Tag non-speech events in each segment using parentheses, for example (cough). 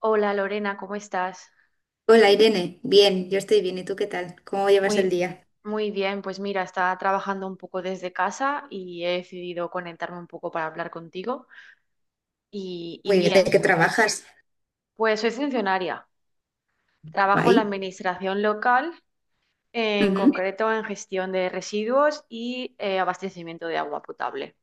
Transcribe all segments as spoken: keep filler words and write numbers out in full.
Hola Lorena, ¿cómo estás? Hola Irene, bien, yo estoy bien, ¿y tú qué tal? ¿Cómo llevas el Muy, día? muy bien, pues mira, estaba trabajando un poco desde casa y he decidido conectarme un poco para hablar contigo. Y, y Muy bien, ¿de qué bien, trabajas? pues soy funcionaria. Trabajo en la Guay. administración local, en Ujú. ¿Qué concreto en gestión de residuos y eh, abastecimiento de agua potable.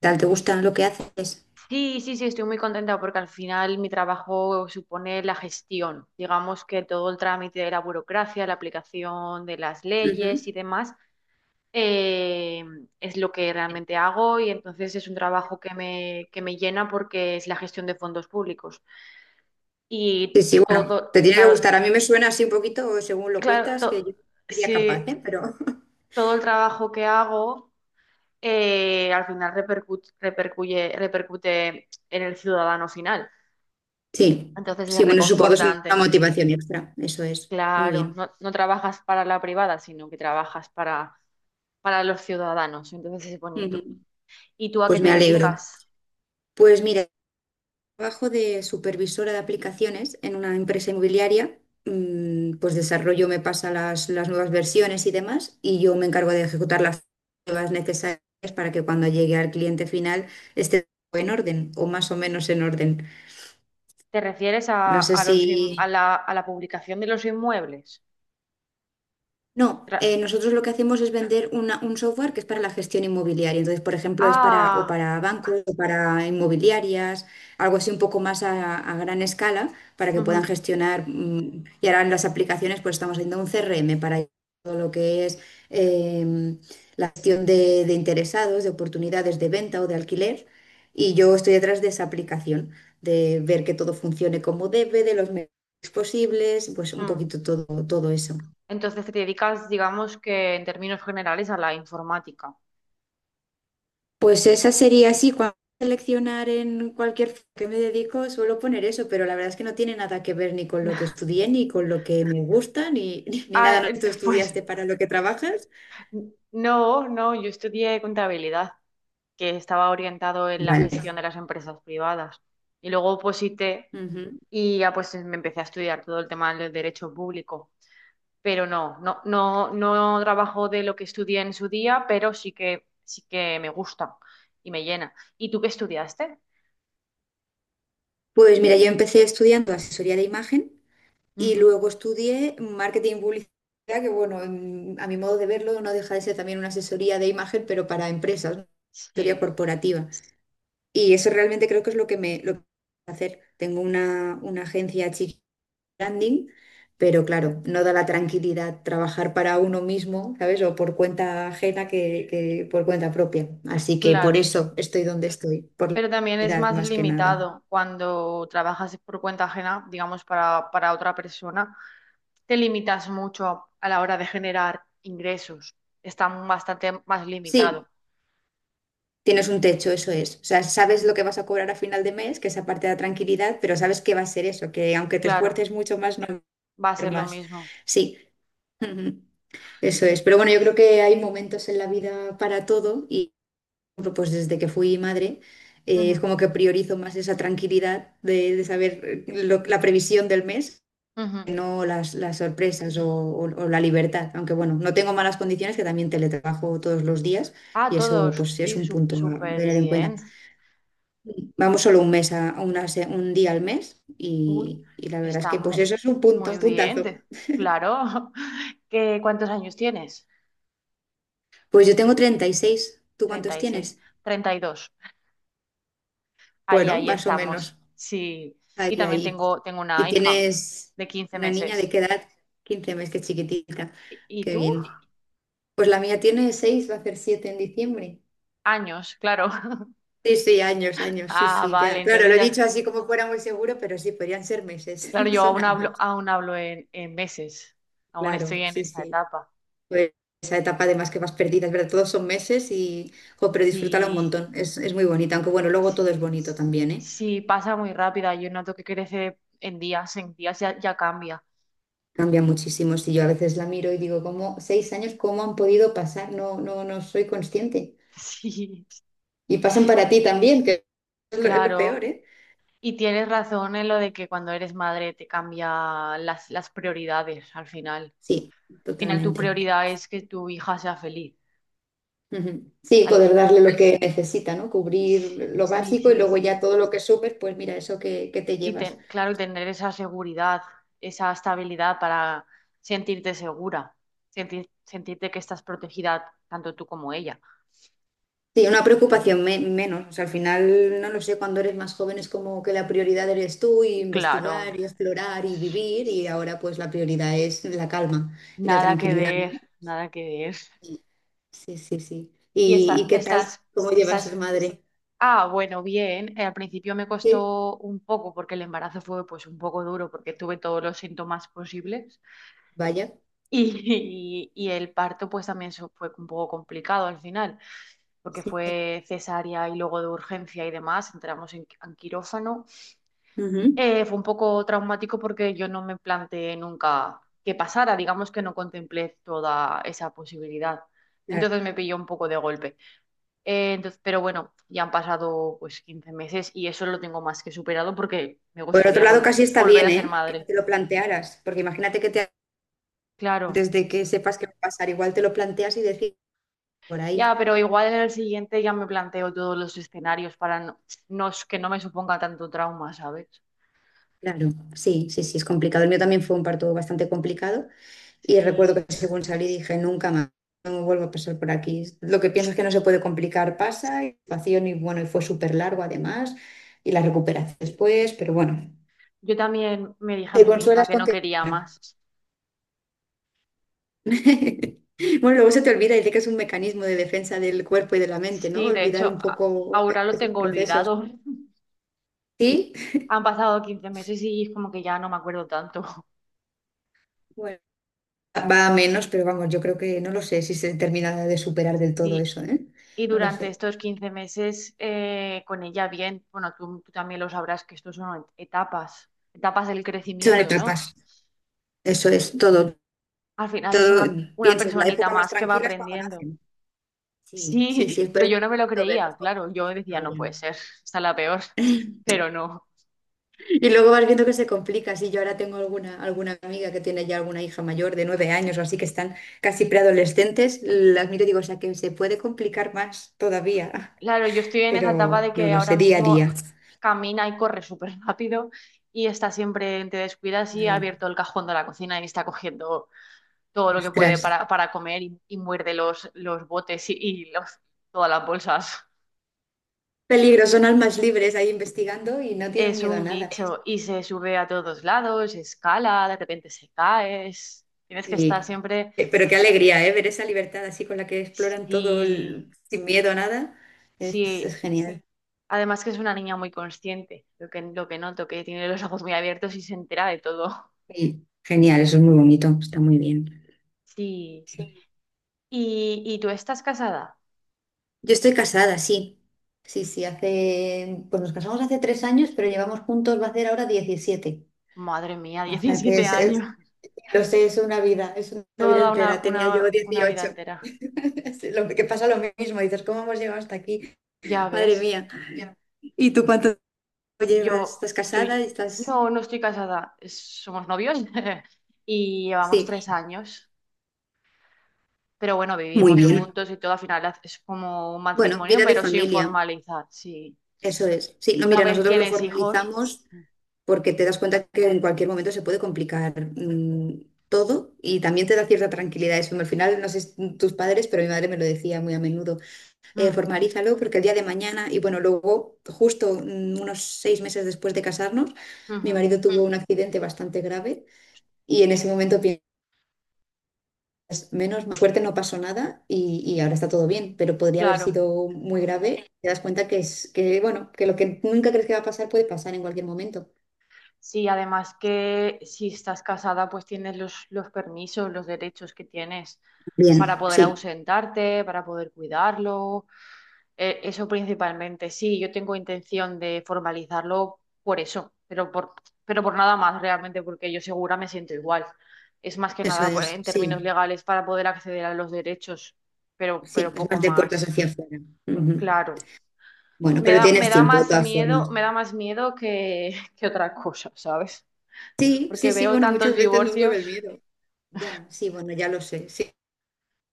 tal te gusta lo que haces? Sí, sí, sí, estoy muy contenta porque al final mi trabajo supone la gestión, digamos que todo el trámite de la burocracia, la aplicación de las Ujú. leyes y demás, eh, es lo que realmente hago y entonces es un trabajo que me, que me llena porque es la gestión de fondos públicos. Y Sí, sí, todo, bueno, te tiene que claro, gustar. A mí me suena así un poquito, según lo claro, cuentas, que to- yo no sería capaz, sí, ¿eh? Pero (laughs) todo el trabajo que hago, eh, al final repercu- repercuye- repercute en el ciudadano final. sí, Entonces es sí, bueno, supongo que es una reconfortante. motivación extra, eso es. Muy Claro, bien. no, no trabajas para la privada, sino que trabajas para, para los ciudadanos. Entonces es bonito. Ujú. ¿Y tú a qué Pues te me alegro. dedicas? Pues mira, trabajo de supervisora de aplicaciones en una empresa inmobiliaria, mm, pues desarrollo, me pasa las, las nuevas versiones y demás, y yo me encargo de ejecutar las pruebas necesarias para que cuando llegue al cliente final esté todo en orden o más o menos en orden. ¿Te refieres a, No sé a si, los, in- a la, a la publicación de los inmuebles? no, eh, Tra- nosotros lo que hacemos es vender una- un software que es para la gestión inmobiliaria. Entonces, por ejemplo, es para o ah, para bancos o para inmobiliarias, algo así un poco más a, a gran escala para que puedan ujú, gestionar. Mm, y ahora en las aplicaciones, pues estamos haciendo un C R M para todo lo que es em, la gestión de, de interesados, de oportunidades de venta o de alquiler. Y yo estoy detrás de esa aplicación, de ver que todo funcione como debe, de los medios posibles, pues un mm. poquito todo, todo eso. Entonces te dedicas, digamos que en términos generales, a la informática. Pues esa sería así, cuando seleccionar en cualquier f- que me dedico suelo poner eso, pero la verdad es que no tiene nada que ver ni con lo que (laughs) estudié, ni con lo que me gusta, ni, (laughs) ni nada. Ah, ¿No? eh, ¿Tú pues estudiaste para lo que trabajas? no, no, yo estudié contabilidad, que estaba orientado en la Vale. gestión de las empresas privadas. Y luego oposité Ujú. y ya pues me empecé a estudiar todo el tema del derecho público. Pero no, no, no, no trabajo de lo que estudié en su día, pero sí que, sí que me gusta y me llena. ¿Y tú qué estudiaste? Pues mira, yo empecé estudiando asesoría de imagen y Ujú. luego estudié marketing y publicidad, que bueno, en- a mi modo de verlo no deja de ser también una asesoría de imagen, pero para empresas, ¿no? Asesoría Sí, corporativa. Y eso realmente creo que es lo que me lo que hacer. Tengo una, una agencia chiquita branding, pero claro, no da la tranquilidad trabajar para uno mismo, ¿sabes? O por cuenta ajena que, que por cuenta propia. Así que por claro. eso estoy donde estoy, por la Pero también es tranquilidad más más que nada. limitado cuando trabajas por cuenta ajena, digamos, para, para otra persona. Te limitas mucho a, a la hora de generar ingresos. Está bastante más Sí, limitado. tienes un techo, eso es. O sea, sabes lo que vas a cobrar a final de mes, que esa parte de la tranquilidad, pero sabes que va a ser eso, que aunque te Claro, esfuerces mucho más, no va a va a ser ser lo más. mismo. Sí. (laughs) Ujú. Eso es, pero bueno, yo creo que hay momentos en la vida para todo y ejemplo, pues desde que fui madre, eh, es Ujú, como que priorizo más esa tranquilidad de, de saber eh, lo- la previsión del mes, ujú. que no las, las sorpresas o, o- o la libertad. Aunque bueno, no tengo malas condiciones, que también teletrabajo todos los días Ah, y eso todos. pues es Sí, un su- punto a tener súper en cuenta. bien. Vamos solo un mes a, a una se- un día al mes Uy, y, y la verdad es está que pues mu- eso es un punto, muy un bien, puntazo. te- claro. (laughs) ¿Qué, cuántos años tienes? Pues yo tengo treinta y seis. ¿Tú Treinta, cuántos treinta y seis, tienes? treinta y dos. Ahí, Bueno, ahí más o estamos. menos. Sí. Y Ahí, también ahí. tengo, tengo Y una hija tienes de quince una niña de meses. qué edad, quince meses, que chiquitita. ¿Y, y Qué tú? bien. Pues la mía tiene seis, va a hacer siete en diciembre. Años, claro. (laughs) Sí, sí, años, años, sí, Ah, sí, vale, ya. Claro, entonces lo he ya. dicho así como fuera muy seguro, pero sí, podrían ser meses, Claro, (laughs) yo son aún hablo, años. aún hablo en, en meses. Aún estoy Claro, en sí, esa sí. etapa. Pues esa etapa además que vas perdida, es verdad, todos son meses y, jo, pero disfrútala un Sí, montón, es, es muy bonita, aunque bueno, luego todo es sí. bonito también, ¿eh? Sí, pasa muy rápida. Yo noto que crece en días, en días ya, ya cambia. Cambia muchísimo, si yo a veces la miro y digo, ¿cómo? Seis años, ¿cómo han podido pasar? No, no, no soy consciente. (laughs) Sí. Y pasan para ti también, que es lo, es lo peor, Claro, ¿eh? y tienes razón en lo de que cuando eres madre te cambia las, las prioridades al final. Sí, Al final tu totalmente. prioridad es que tu hija sea feliz. Ujú. Sí, Al- fi- poder darle lo que necesita, ¿no? Cubrir lo Sí, básico y sí, luego ya sí. todo lo que subes, pues mira, eso que, que te Y llevas. ten- claro, tener esa seguridad, esa estabilidad para sentirte segura, sentir- sentirte que estás protegida tanto tú como ella. Sí, una preocupación me- menos. O sea, al final, no lo sé, cuando eres más joven es como que la prioridad eres tú y Claro, investigar y explorar y vivir y ahora pues la prioridad es la calma y la nada que tranquilidad, ver, ¿no? nada que ver. Sí, sí, sí. Y ¿Y, y esta- qué tal? estás, ¿Cómo llevas ser estás. madre? Ah, bueno, bien. Eh, al principio me Sí, costó un poco porque el embarazo fue pues un poco duro porque tuve todos los síntomas posibles vaya. y, (laughs) y el parto pues también su- fue un poco complicado al final porque Sí. fue cesárea y luego de urgencia y demás, entramos en, en quirófano. Ujú. Eh, fue un poco traumático porque yo no me planteé nunca que pasara, digamos que no contemplé toda esa posibilidad. Entonces me pilló un poco de golpe. Eh, entonces, pero bueno, ya han pasado pues quince meses y eso lo tengo más que superado porque me Por otro gustaría lado, vol- casi está volver bien, a ser ¿eh? Que no madre. te lo plantearas, porque imagínate que te, Claro, antes de que sepas qué va a pasar, igual te lo planteas y decís por ahí. ya, pero igual en el siguiente ya me planteo todos los escenarios para no, no- que no me suponga tanto trauma, ¿sabes? Claro, sí, sí, sí, es complicado. El mío también fue un parto bastante complicado y recuerdo que Sí, según salí dije, nunca más, no vuelvo a pasar por aquí. Lo que piensas que no se puede complicar pasa, y situación y bueno, y fue súper largo además, y la recuperación después, pero bueno, yo también me dije a te mí misma consuelas que con no que... quería más. (laughs) Bueno, luego se te olvida y dice que es un mecanismo de defensa del cuerpo y de la mente, ¿no? Sí, de Olvidar hecho, un a- poco ahora lo esos tengo procesos. olvidado. (laughs) Sí, Han pasado quince meses y es como que ya no me acuerdo tanto. (laughs) bueno, va a menos, pero vamos, yo creo que no lo sé si se termina de superar del todo Sí, eso, ¿eh? y No lo durante sé. estos quince meses eh, con ella bien, bueno, tú, tú también lo sabrás que estos son etapas, etapas del Son crecimiento, ¿no? etapas. Eso es todo. Al final es Todo, una, una piensas, la personita época más más que va tranquila es cuando aprendiendo. nacen. Sí, sí, sí, Sí, (laughs) pero pero es yo no me muy lo bonito creía, verlos cómo claro, se yo decía, no desarrollan. puede ser, está la peor, (laughs) pero no. Y luego vas viendo que se complica. Sí, yo ahora tengo alguna, alguna amiga que tiene ya alguna hija mayor de nueve años o así que están casi preadolescentes. Las miro y digo, o sea, que se puede complicar más todavía, Claro, yo estoy (laughs) en esa etapa pero de no que lo ahora sé, día a mismo día. camina y corre súper rápido y está siempre, te descuidas y ha Claro, abierto el cajón de la cocina y está cogiendo todo lo que puede ostras. para, para comer y, y muerde los, los botes y, y los, todas las bolsas. Peligro, son almas libres ahí investigando y no tienen Es miedo a un nada. bicho y se sube a todos lados, escala, de repente se cae. es- Tienes que estar Sí. siempre. Eh, pero qué alegría, ¿eh? Ver esa libertad así con la que exploran todo Sí, el- sin miedo a nada. Es, es sí. genial. Además que es una niña muy consciente, lo que, lo que noto, que tiene los ojos muy abiertos y se entera de todo. Sí, genial, eso es muy bonito, está muy bien. Sí. ¿Y, y tú estás casada? Yo estoy casada, sí. Sí, sí, hace, pues nos casamos hace tres años, pero llevamos juntos, va a ser ahora diecisiete. Madre O mía, (laughs) ah, sea que diecisiete es, es- años. lo sé, es una vida, es una vida Toda una, entera. Tenía yo una, una vida dieciocho. entera. (laughs) Es lo que pasa lo mismo, dices, ¿cómo hemos llegado hasta aquí? Ya Madre ves. mía. Ya. ¿Y tú cuánto llevas? Yo, ¿Estás yo, casada? ¿Estás...? no, no estoy casada, es- somos novios (laughs) y llevamos tres Sí. años, pero bueno, Muy vivimos bien. juntos y todo, al final haz- es como un Bueno, bueno, matrimonio, vida de pero sin familia, formalizar, sí. eso es. Sí, no, Una mira, vez nosotros lo tienes hijos, formalizamos porque te das cuenta que en cualquier momento se puede complicar mm, todo y también te da cierta tranquilidad es eso. Al final, no sé si tus padres, pero mi madre me lo decía muy a menudo, eh, mm, formalízalo porque el día de mañana, y bueno, luego justo mm, unos seis meses después de casarnos, mi ujú, marido tuvo un accidente bastante grave y en ese momento piensas, menos mal, suerte no pasó nada y, y ahora está todo bien, pero podría haber claro. sido muy grave. Te das cuenta que es que, bueno, que lo que nunca crees que va a pasar puede pasar en cualquier momento. Sí, además que si estás casada, pues tienes los, los permisos, los derechos que tienes para Bien, poder sí. ausentarte, para poder cuidarlo. Eh, Eso principalmente, sí, yo tengo intención de formalizarlo por eso, pero por, pero por nada más realmente, porque yo segura me siento igual. Es más que Eso nada pues, es, en términos sí, legales para poder acceder a los derechos, pero, sí, pero es poco más de puertas más, hacia afuera. Ujú. claro. Bueno, Me pero da, me tienes da tiempo de más todas miedo, formas. me da más miedo que, (laughs) que otra cosa, ¿sabes? Sí, sí, Porque sí, veo bueno, muchas tantos veces nos vuelve divorcios, el miedo. Ya, sí, bueno, ya lo sé, sí.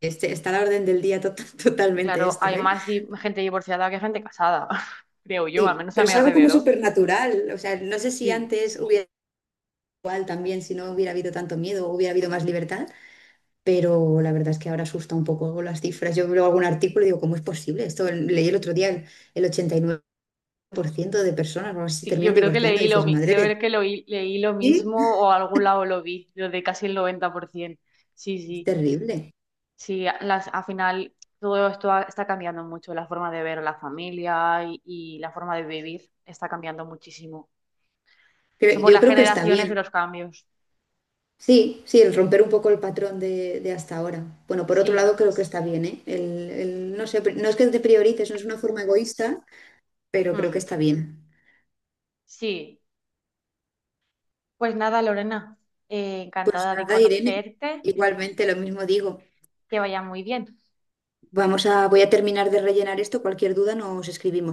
Este, está a la orden del día to- (laughs) totalmente claro, esto, hay ¿eh? más di- gente divorciada que gente casada, (laughs) creo yo, al Sí, menos a pero mi es algo como alrededor. supernatural. O sea, no sé si Sí. antes hubiera igual también, si no hubiera habido tanto miedo, hubiera habido más libertad, pero la verdad es que ahora asusta un poco las cifras. Yo veo algún artículo y digo, ¿cómo es posible? Esto leí el otro día, el, el ochenta y nueve por ciento de personas o algo así, se Sí, yo terminan creo que divorciando y leí lo, dices, mi- madre de creo que lo, i- leí lo sí, mismo o a algún lado lo vi, lo de casi el noventa por ciento. Sí, es sí, terrible. sí, a- las, al final todo esto ha- está cambiando mucho, la forma de ver a la familia y, y la forma de vivir está cambiando muchísimo. Cre- Somos Yo las creo que está generaciones de bien. los cambios. Sí, sí, el romper un poco el patrón de, de hasta ahora. Bueno, por otro Sí, lado, creo que está bien, ¿eh? El, el- no sé, no es que te priorices, no es una forma egoísta, pero creo que mm, está bien. sí. Pues nada, Lorena, eh, Pues encantada de nada, Irene, conocerte, igualmente lo mismo digo. que vaya muy bien. Vamos a, voy a terminar de rellenar esto. Cualquier duda nos escribimos.